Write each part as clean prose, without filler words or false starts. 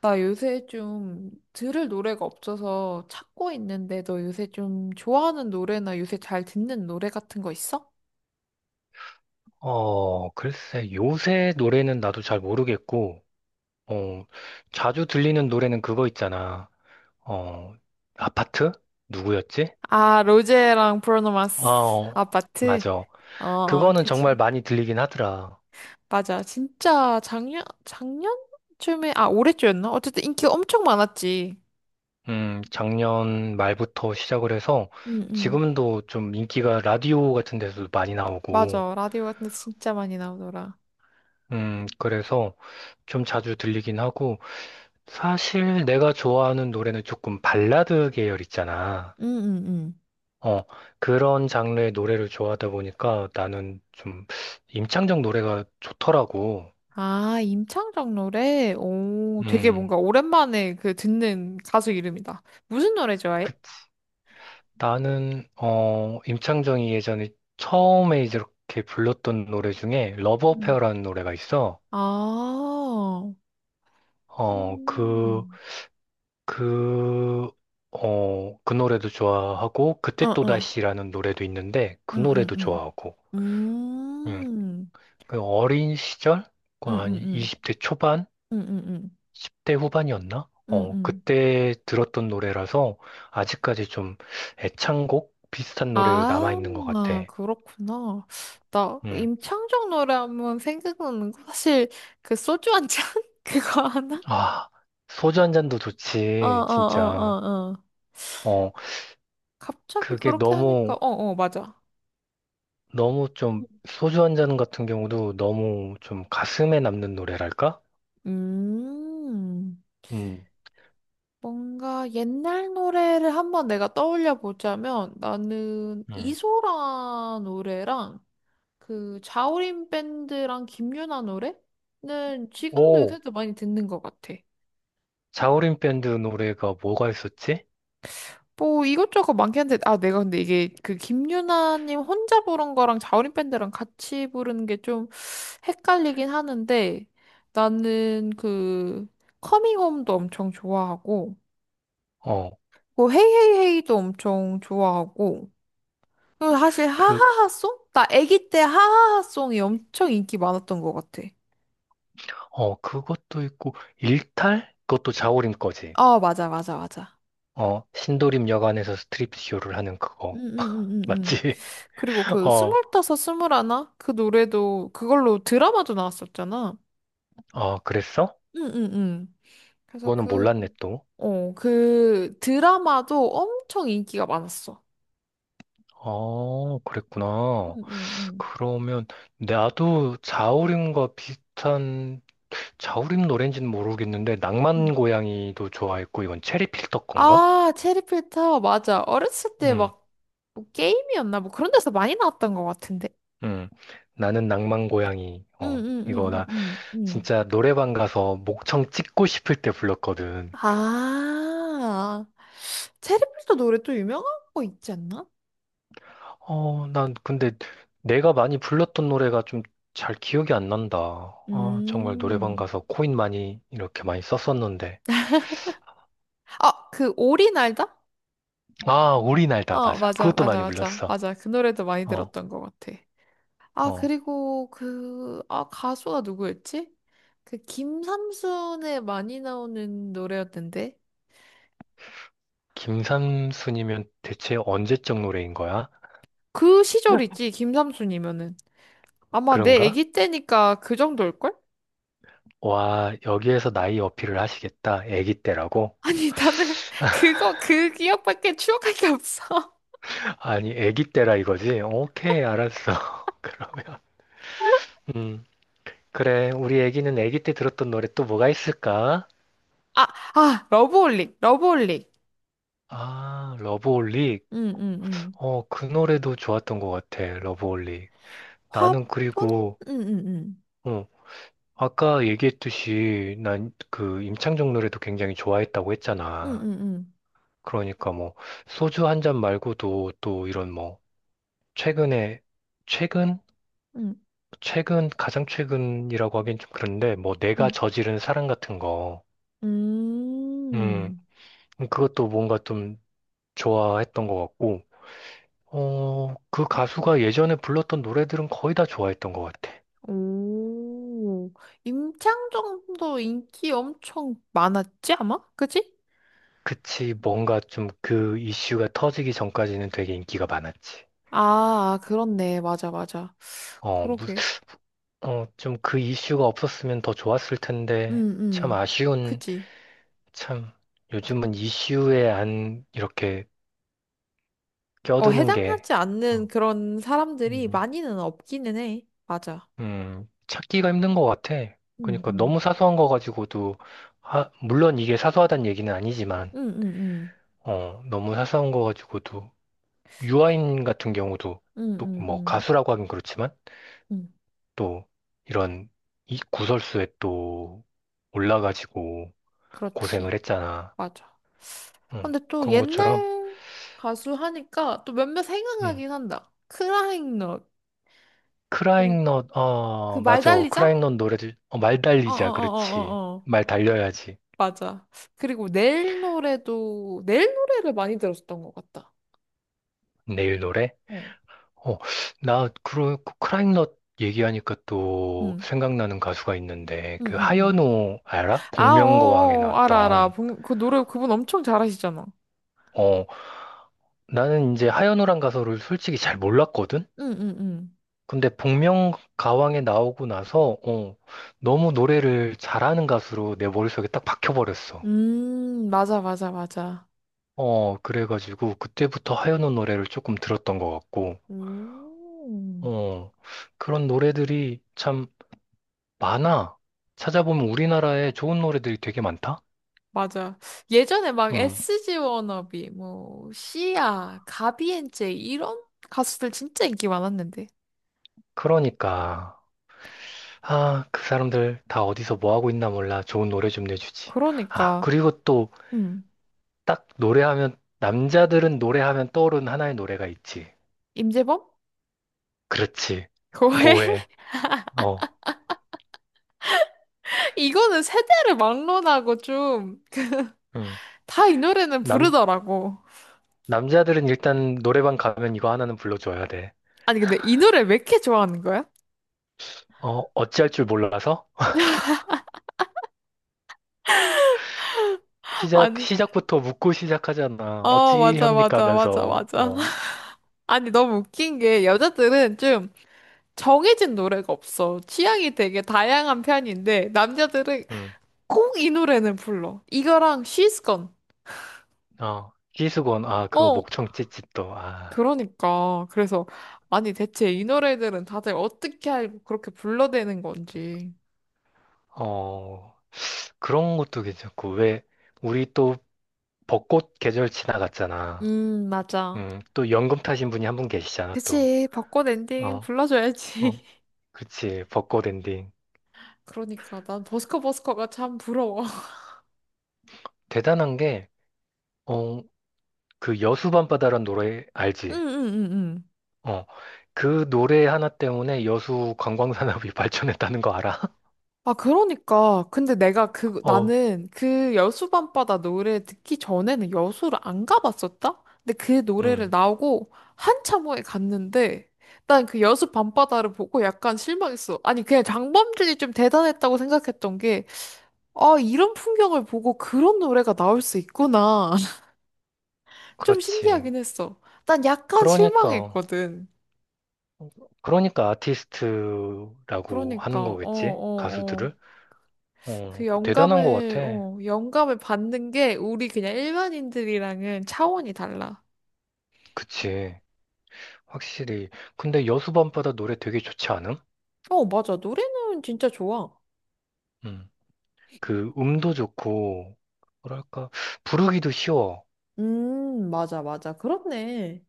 나 요새 좀 들을 노래가 없어서 찾고 있는데 너 요새 좀 좋아하는 노래나 요새 잘 듣는 노래 같은 거 있어? 글쎄, 요새 노래는 나도 잘 모르겠고, 어, 자주 들리는 노래는 그거 있잖아. 어, 아파트? 누구였지? 아, 로제랑 브루노 아, 마스 어, 아파트? 맞아. 어, 어, 그거는 그치. 정말 많이 들리긴 하더라. 맞아. 진짜 작년, 작년쯤에, 아, 올해쯤이었나? 어쨌든 인기가 엄청 많았지. 작년 말부터 시작을 해서 응, 응. 지금도 좀 인기가 라디오 같은 데서도 많이 나오고, 맞아. 라디오 같은 데서 진짜 많이 나오더라. 그래서 좀 자주 들리긴 하고, 사실 내가 좋아하는 노래는 조금 발라드 계열 있잖아. 응, 응, 응. 어, 그런 장르의 노래를 좋아하다 보니까 나는 좀 임창정 노래가 좋더라고. 아, 임창정 노래? 오, 되게 음. 뭔가 오랜만에 그 듣는 가수 이름이다. 무슨 노래 그, 좋아해? 나는, 임창정이 예전에 처음에 이렇게 불렀던 노래 중에 러브 어페어라는 노래가 있어. 아, 어, 음. 그, 그 노래도 좋아하고, 어, 그때 어. 또다시라는 노래도 있는데, 그 노래도 응응응. 좋아하고, 음, 음, 음, 그 어린 시절? 아니, 응응응. 20대 초반? 응응. 10대 후반이었나? 어, 응응. 그때 들었던 노래라서 아직까지 좀 애창곡 비슷한 노래로 아, 남아있는 것 같아. 아, 그렇구나. 나 음. 임창정 노래 하면 생각나는 거 사실 그 소주 한 잔? 그거 하나? 아, 소주 한 잔도 좋지, 진짜. 어어어어어. 어, 갑자기 그게 그렇게 하니까, 너무, 어, 어, 맞아. 너무 좀, 소주 한 잔 같은 경우도 너무 좀 가슴에 남는 노래랄까? 음. 음, 뭔가 옛날 노래를 한번 내가 떠올려 보자면 나는 음. 이소라 노래랑 그 자우림 밴드랑 김유나 노래는 지금도 오, 요새도 많이 듣는 것 같아. 자우림 밴드 노래가 뭐가 있었지? 뭐 이것저것 많긴 한데, 아, 내가 근데 이게 그 김유나님 혼자 부른 거랑 자우림 밴드랑 같이 부르는 게 좀 헷갈리긴 하는데, 나는 그 커밍홈도 엄청 좋아하고 어, 뭐 헤이헤이헤이도 엄청 좋아하고 그 사실 그, 하하하송? 나 아기 때 하하하송이 엄청 인기 많았던 것 같아. 그것도 있고, 일탈? 그것도 자우림 거지. 어, 맞아, 맞아, 맞아. 어, 신도림 여관에서 스트립쇼를 하는 음, 그거. 음, 음, 음, 음. 맞지? 그리고 그 어, 스물다섯, 스물하나? 그 노래도 그걸로 드라마도 나왔었잖아. 어, 그랬어? 응, 응, 응. 그래서 그거는 그, 몰랐네, 또. 어, 그 드라마도 엄청 인기가 많았어. 어, 그랬구나. 응, 응, 응. 그러면, 나도 자우림과 비슷한, 자우림 노래인지는 모르겠는데, 응. 낭만 고양이도 좋아했고, 이건 체리 필터 건가? 아, 체리필터, 맞아. 어렸을 때 응, 막, 뭐 게임이었나? 뭐 그런 데서 많이 나왔던 것 같은데. 응. 나는 낭만 고양이. 응, 어, 응, 이거 응, 나 응, 응. 응. 진짜 노래방 가서 목청 찍고 싶을 때 불렀거든. 아, 체리필터 노래 또 유명한 거 있지 않나? 어, 난 근데 내가 많이 불렀던 노래가 좀 잘 기억이 안 난다. 아, 정말 노래방 음. 가서 코인 많이 이렇게 많이 썼었는데. 아, 그 오리 날다? 아, 우리 날다 어, 맞아. 맞아, 그것도 맞아, 많이 맞아, 불렀어. 맞아. 그 노래도 많이 어, 들었던 것 같아. 아, 어. 그리고 그, 아, 가수가 누구였지? 그 김삼순에 많이 나오는 노래였는데. 김삼순이면 대체 언제적 노래인 거야? 그 응. 시절이지, 김삼순이면은. 아마 내 그런가? 아기 때니까 그 정도일걸? 와, 여기에서 나이 어필을 하시겠다. 애기 때라고? 아니, 나는 그거, 그 기억밖에 추억할 게 없어. 아니, 애기 때라 이거지? 오케이, 알았어. 그러면. 음, 그래. 우리 애기는 애기 때 들었던 노래 또 뭐가 있을까? 아, 아, 러브홀릭, 러브홀릭. 아, 러브홀릭. 응, 응, 응. 어, 그 노래도 좋았던 것 같아, 러브홀리. 화분? 나는 그리고, 응, 응, 응. 어, 아까 얘기했듯이 난 그 임창정 노래도 굉장히 좋아했다고 응, 했잖아. 응, 응. 그러니까 뭐, 소주 한 잔 말고도 또 이런 뭐, 최근에, 최근? 최근, 가장 최근이라고 하긴 좀 그런데, 뭐, 내가 응, 저지른 사랑 같은 거, 응. 음, 음. 그것도 뭔가 좀 좋아했던 것 같고, 어, 그 가수가 예전에 불렀던 노래들은 거의 다 좋아했던 것 같아. 오. 임창정도 인기 엄청 많았지, 아마? 그치? 그치, 뭔가 좀 그 이슈가 터지기 전까지는 되게 인기가 많았지. 아, 그렇네. 맞아, 맞아. 어, 무, 그러게. 어, 좀 그 이슈가 없었으면 더 좋았을 텐데, 응, 참 응. 아쉬운, 그치. 참, 요즘은 이슈에 안 이렇게 어, 껴드는 게, 해당하지 않는 어, 그런 사람들이 음, 많이는 없기는 해. 맞아. 찾기가 힘든 것 같아. 응, 그러니까 응. 너무 사소한 거 가지고도, 하, 물론 이게 사소하다는 얘기는 아니지만, 응, 응, 응. 어, 너무 사소한 거 가지고도, 그, 유아인 같은 경우도, 응, 또 응, 뭐 응. 가수라고 하긴 그렇지만, 응. 또 이런 이 구설수에 또 올라가지고 고생을 그렇지. 했잖아. 맞아. 응. 근데 또 그런 것처럼, 옛날 가수 하니까 또 몇몇 응. 생각나긴 한다. 크라잉넛. 그리고 크라잉넛, 그 어, 맞아. 말달리자? 크라잉넛 노래들, 어, 말 달리자. 그렇지. 어어어어어어. 말 달려야지. 맞아. 그리고 내일 노래도, 내일 노래를 많이 들었었던 것 같다. 내일 노래? 어. 어, 그 크라잉넛 얘기하니까 또 응. 생각나는 가수가 있는데, 응, 그 응, 응. 하현우 알아? 아, 복면가왕에 어어어. 알아, 알아. 나왔던. 그 노래 그분 엄청 잘하시잖아. 어, 나는 이제 하현우란 가수를 솔직히 잘 몰랐거든? 응, 응, 응. 근데 복면가왕에 나오고 나서 어, 너무 노래를 잘하는 가수로 내 머릿속에 딱 박혀버렸어. 맞아, 맞아, 맞아. 어, 그래가지고 그때부터 하현우 노래를 조금 들었던 것 같고, 음. 어, 그런 노래들이 참 많아. 찾아보면 우리나라에 좋은 노래들이 되게 많다? 맞아. 예전에 막 음, SG 워너비, 뭐, 시아, 가비엔제 이런 가수들 진짜 인기 많았는데. 그러니까. 아, 그 사람들 다 어디서 뭐 하고 있나 몰라. 좋은 노래 좀 내주지. 아, 그러니까, 그리고 또 음, 딱 노래하면, 남자들은 노래하면 떠오르는 하나의 노래가 있지. 임재범? 그렇지. 거의 고해. 어, 이거는 세대를 막론하고 좀, 그 응. 다이 노래는 남, 부르더라고. 남자들은 일단 노래방 가면 이거 하나는 불러줘야 돼. 아니, 근데 이 노래 왜 이렇게 좋아하는 거야? 어, 어찌할 줄 몰라서? 아니, 시작부터 묻고 시작하잖아. 어, 맞아, 어찌합니까 맞아, 맞아, 하면서, 맞아. 어, 아니, 너무 웃긴 게 여자들은 좀 정해진 노래가 없어. 취향이 되게 다양한 편인데, 남자들은 응. 꼭 이 노래는 불러. 이거랑 She's Gone. 어, 희수건, 아, 그거 어. 목청 찢찢도, 아, 그러니까. 그래서, 아니, 대체 이 노래들은 다들 어떻게 알고 그렇게 불러대는 건지. 어, 그런 것도 괜찮고, 왜, 우리 또 벚꽃 계절 지나갔잖아. 맞아. 응, 또 연금 타신 분이 한 분 계시잖아, 또. 그치. 벚꽃 엔딩 어, 불러줘야지. 어, 그치, 벚꽃 엔딩. 그러니까. 난 버스커 버스커가 참 부러워. 대단한 게, 어, 그 여수밤바다란 노래 응, 알지? 응, 응, 응. 어. 그 노래 하나 때문에 여수 관광산업이 발전했다는 거 알아? 아, 그러니까. 근데 내가 그, 어. 나는 그 여수밤바다 노래 듣기 전에는 여수를 안 가봤었다? 근데 그 노래를 음. 나오고 한참 후에 갔는데, 난 그 여수밤바다를 보고 약간 실망했어. 아니, 그냥 장범준이 좀 대단했다고 생각했던 게, 아, 이런 풍경을 보고 그런 노래가 나올 수 있구나. 좀 그렇지. 신기하긴 했어. 난 약간 그러니까 실망했거든. 그러니까 아티스트라고 그러니까, 하는 어, 거겠지? 어, 어. 가수들을? 어. 그 그 대단한 거 영감을, 같아. 어, 영감을 받는 게 우리 그냥 일반인들이랑은 차원이 달라. 그치. 확실히. 근데 여수밤바다 노래 되게 좋지 않음? 어, 맞아. 노래는 진짜 좋아. 음. 그 음도 좋고 뭐랄까 부르기도 쉬워. 맞아, 맞아. 그렇네.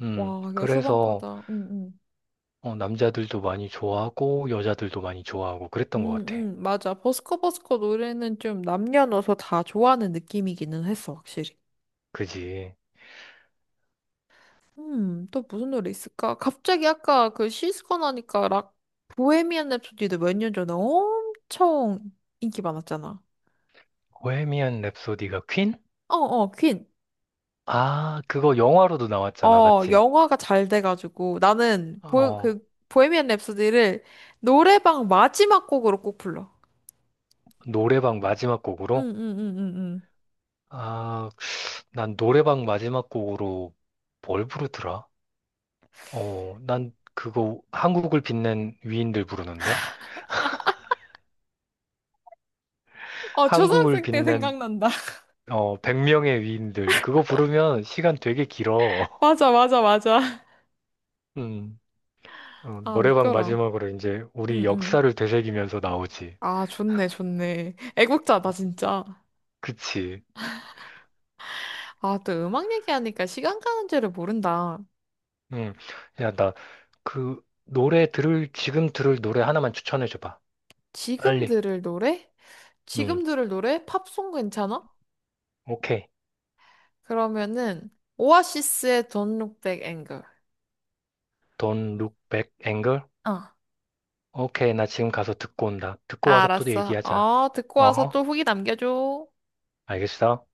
음. 와, 그래서 여수밤바다. 응, 응. 어, 남자들도 많이 좋아하고 여자들도 많이 좋아하고 그랬던 것 음, 같아. 응 맞아. 버스커버스커 노래는 좀 남녀노소 다 좋아하는 느낌이기는 했어, 확실히. 그지? 또 무슨 노래 있을까? 갑자기 아까 그 시스콘 하니까 락, 보헤미안 랩소디도 몇 년 전에 엄청 인기 많았잖아. 보헤미안 랩소디가 퀸? 어, 어, 퀸. 아, 그거 영화로도 나왔잖아, 어, 맞지? 영화가 잘 돼가지고 나는 어, 그 보헤미안 랩소디를 노래방 마지막 곡으로 꼭 불러. 노래방 마지막 응, 곡으로? 응, 응, 응, 응. 아, 난 노래방 마지막 곡으로 뭘 부르더라? 어, 난 그거 한국을 빛낸 위인들 부르는데? 어, 한국을 초등학생 때 빛낸 생각난다. 어, 100명의 위인들. 그거 부르면 시간 되게 길어. 맞아, 맞아, 맞아. 음. 어, 아, 노래방 웃겨라. 마지막으로 이제 우리 응, 응. 역사를 되새기면서 나오지. 아, 좋네, 좋네. 애국자다, 진짜. 그치. 아, 또 음악 얘기하니까 시간 가는 줄을 모른다. 응. 야, 나, 노래 들을, 지금 들을 노래 하나만 추천해줘봐. 지금 빨리. 들을 노래? 응. 지금 들을 노래? 팝송 괜찮아? 오케이. 그러면은 오아시스의 Don't Look Back Anger. Don't look back, anger. 어. 오케이. 나 지금 가서 듣고 온다. 듣고 아, 와서 또 알았어. 얘기하자. 어, 듣고 와서 어? 또 후기 남겨줘. 알겠어?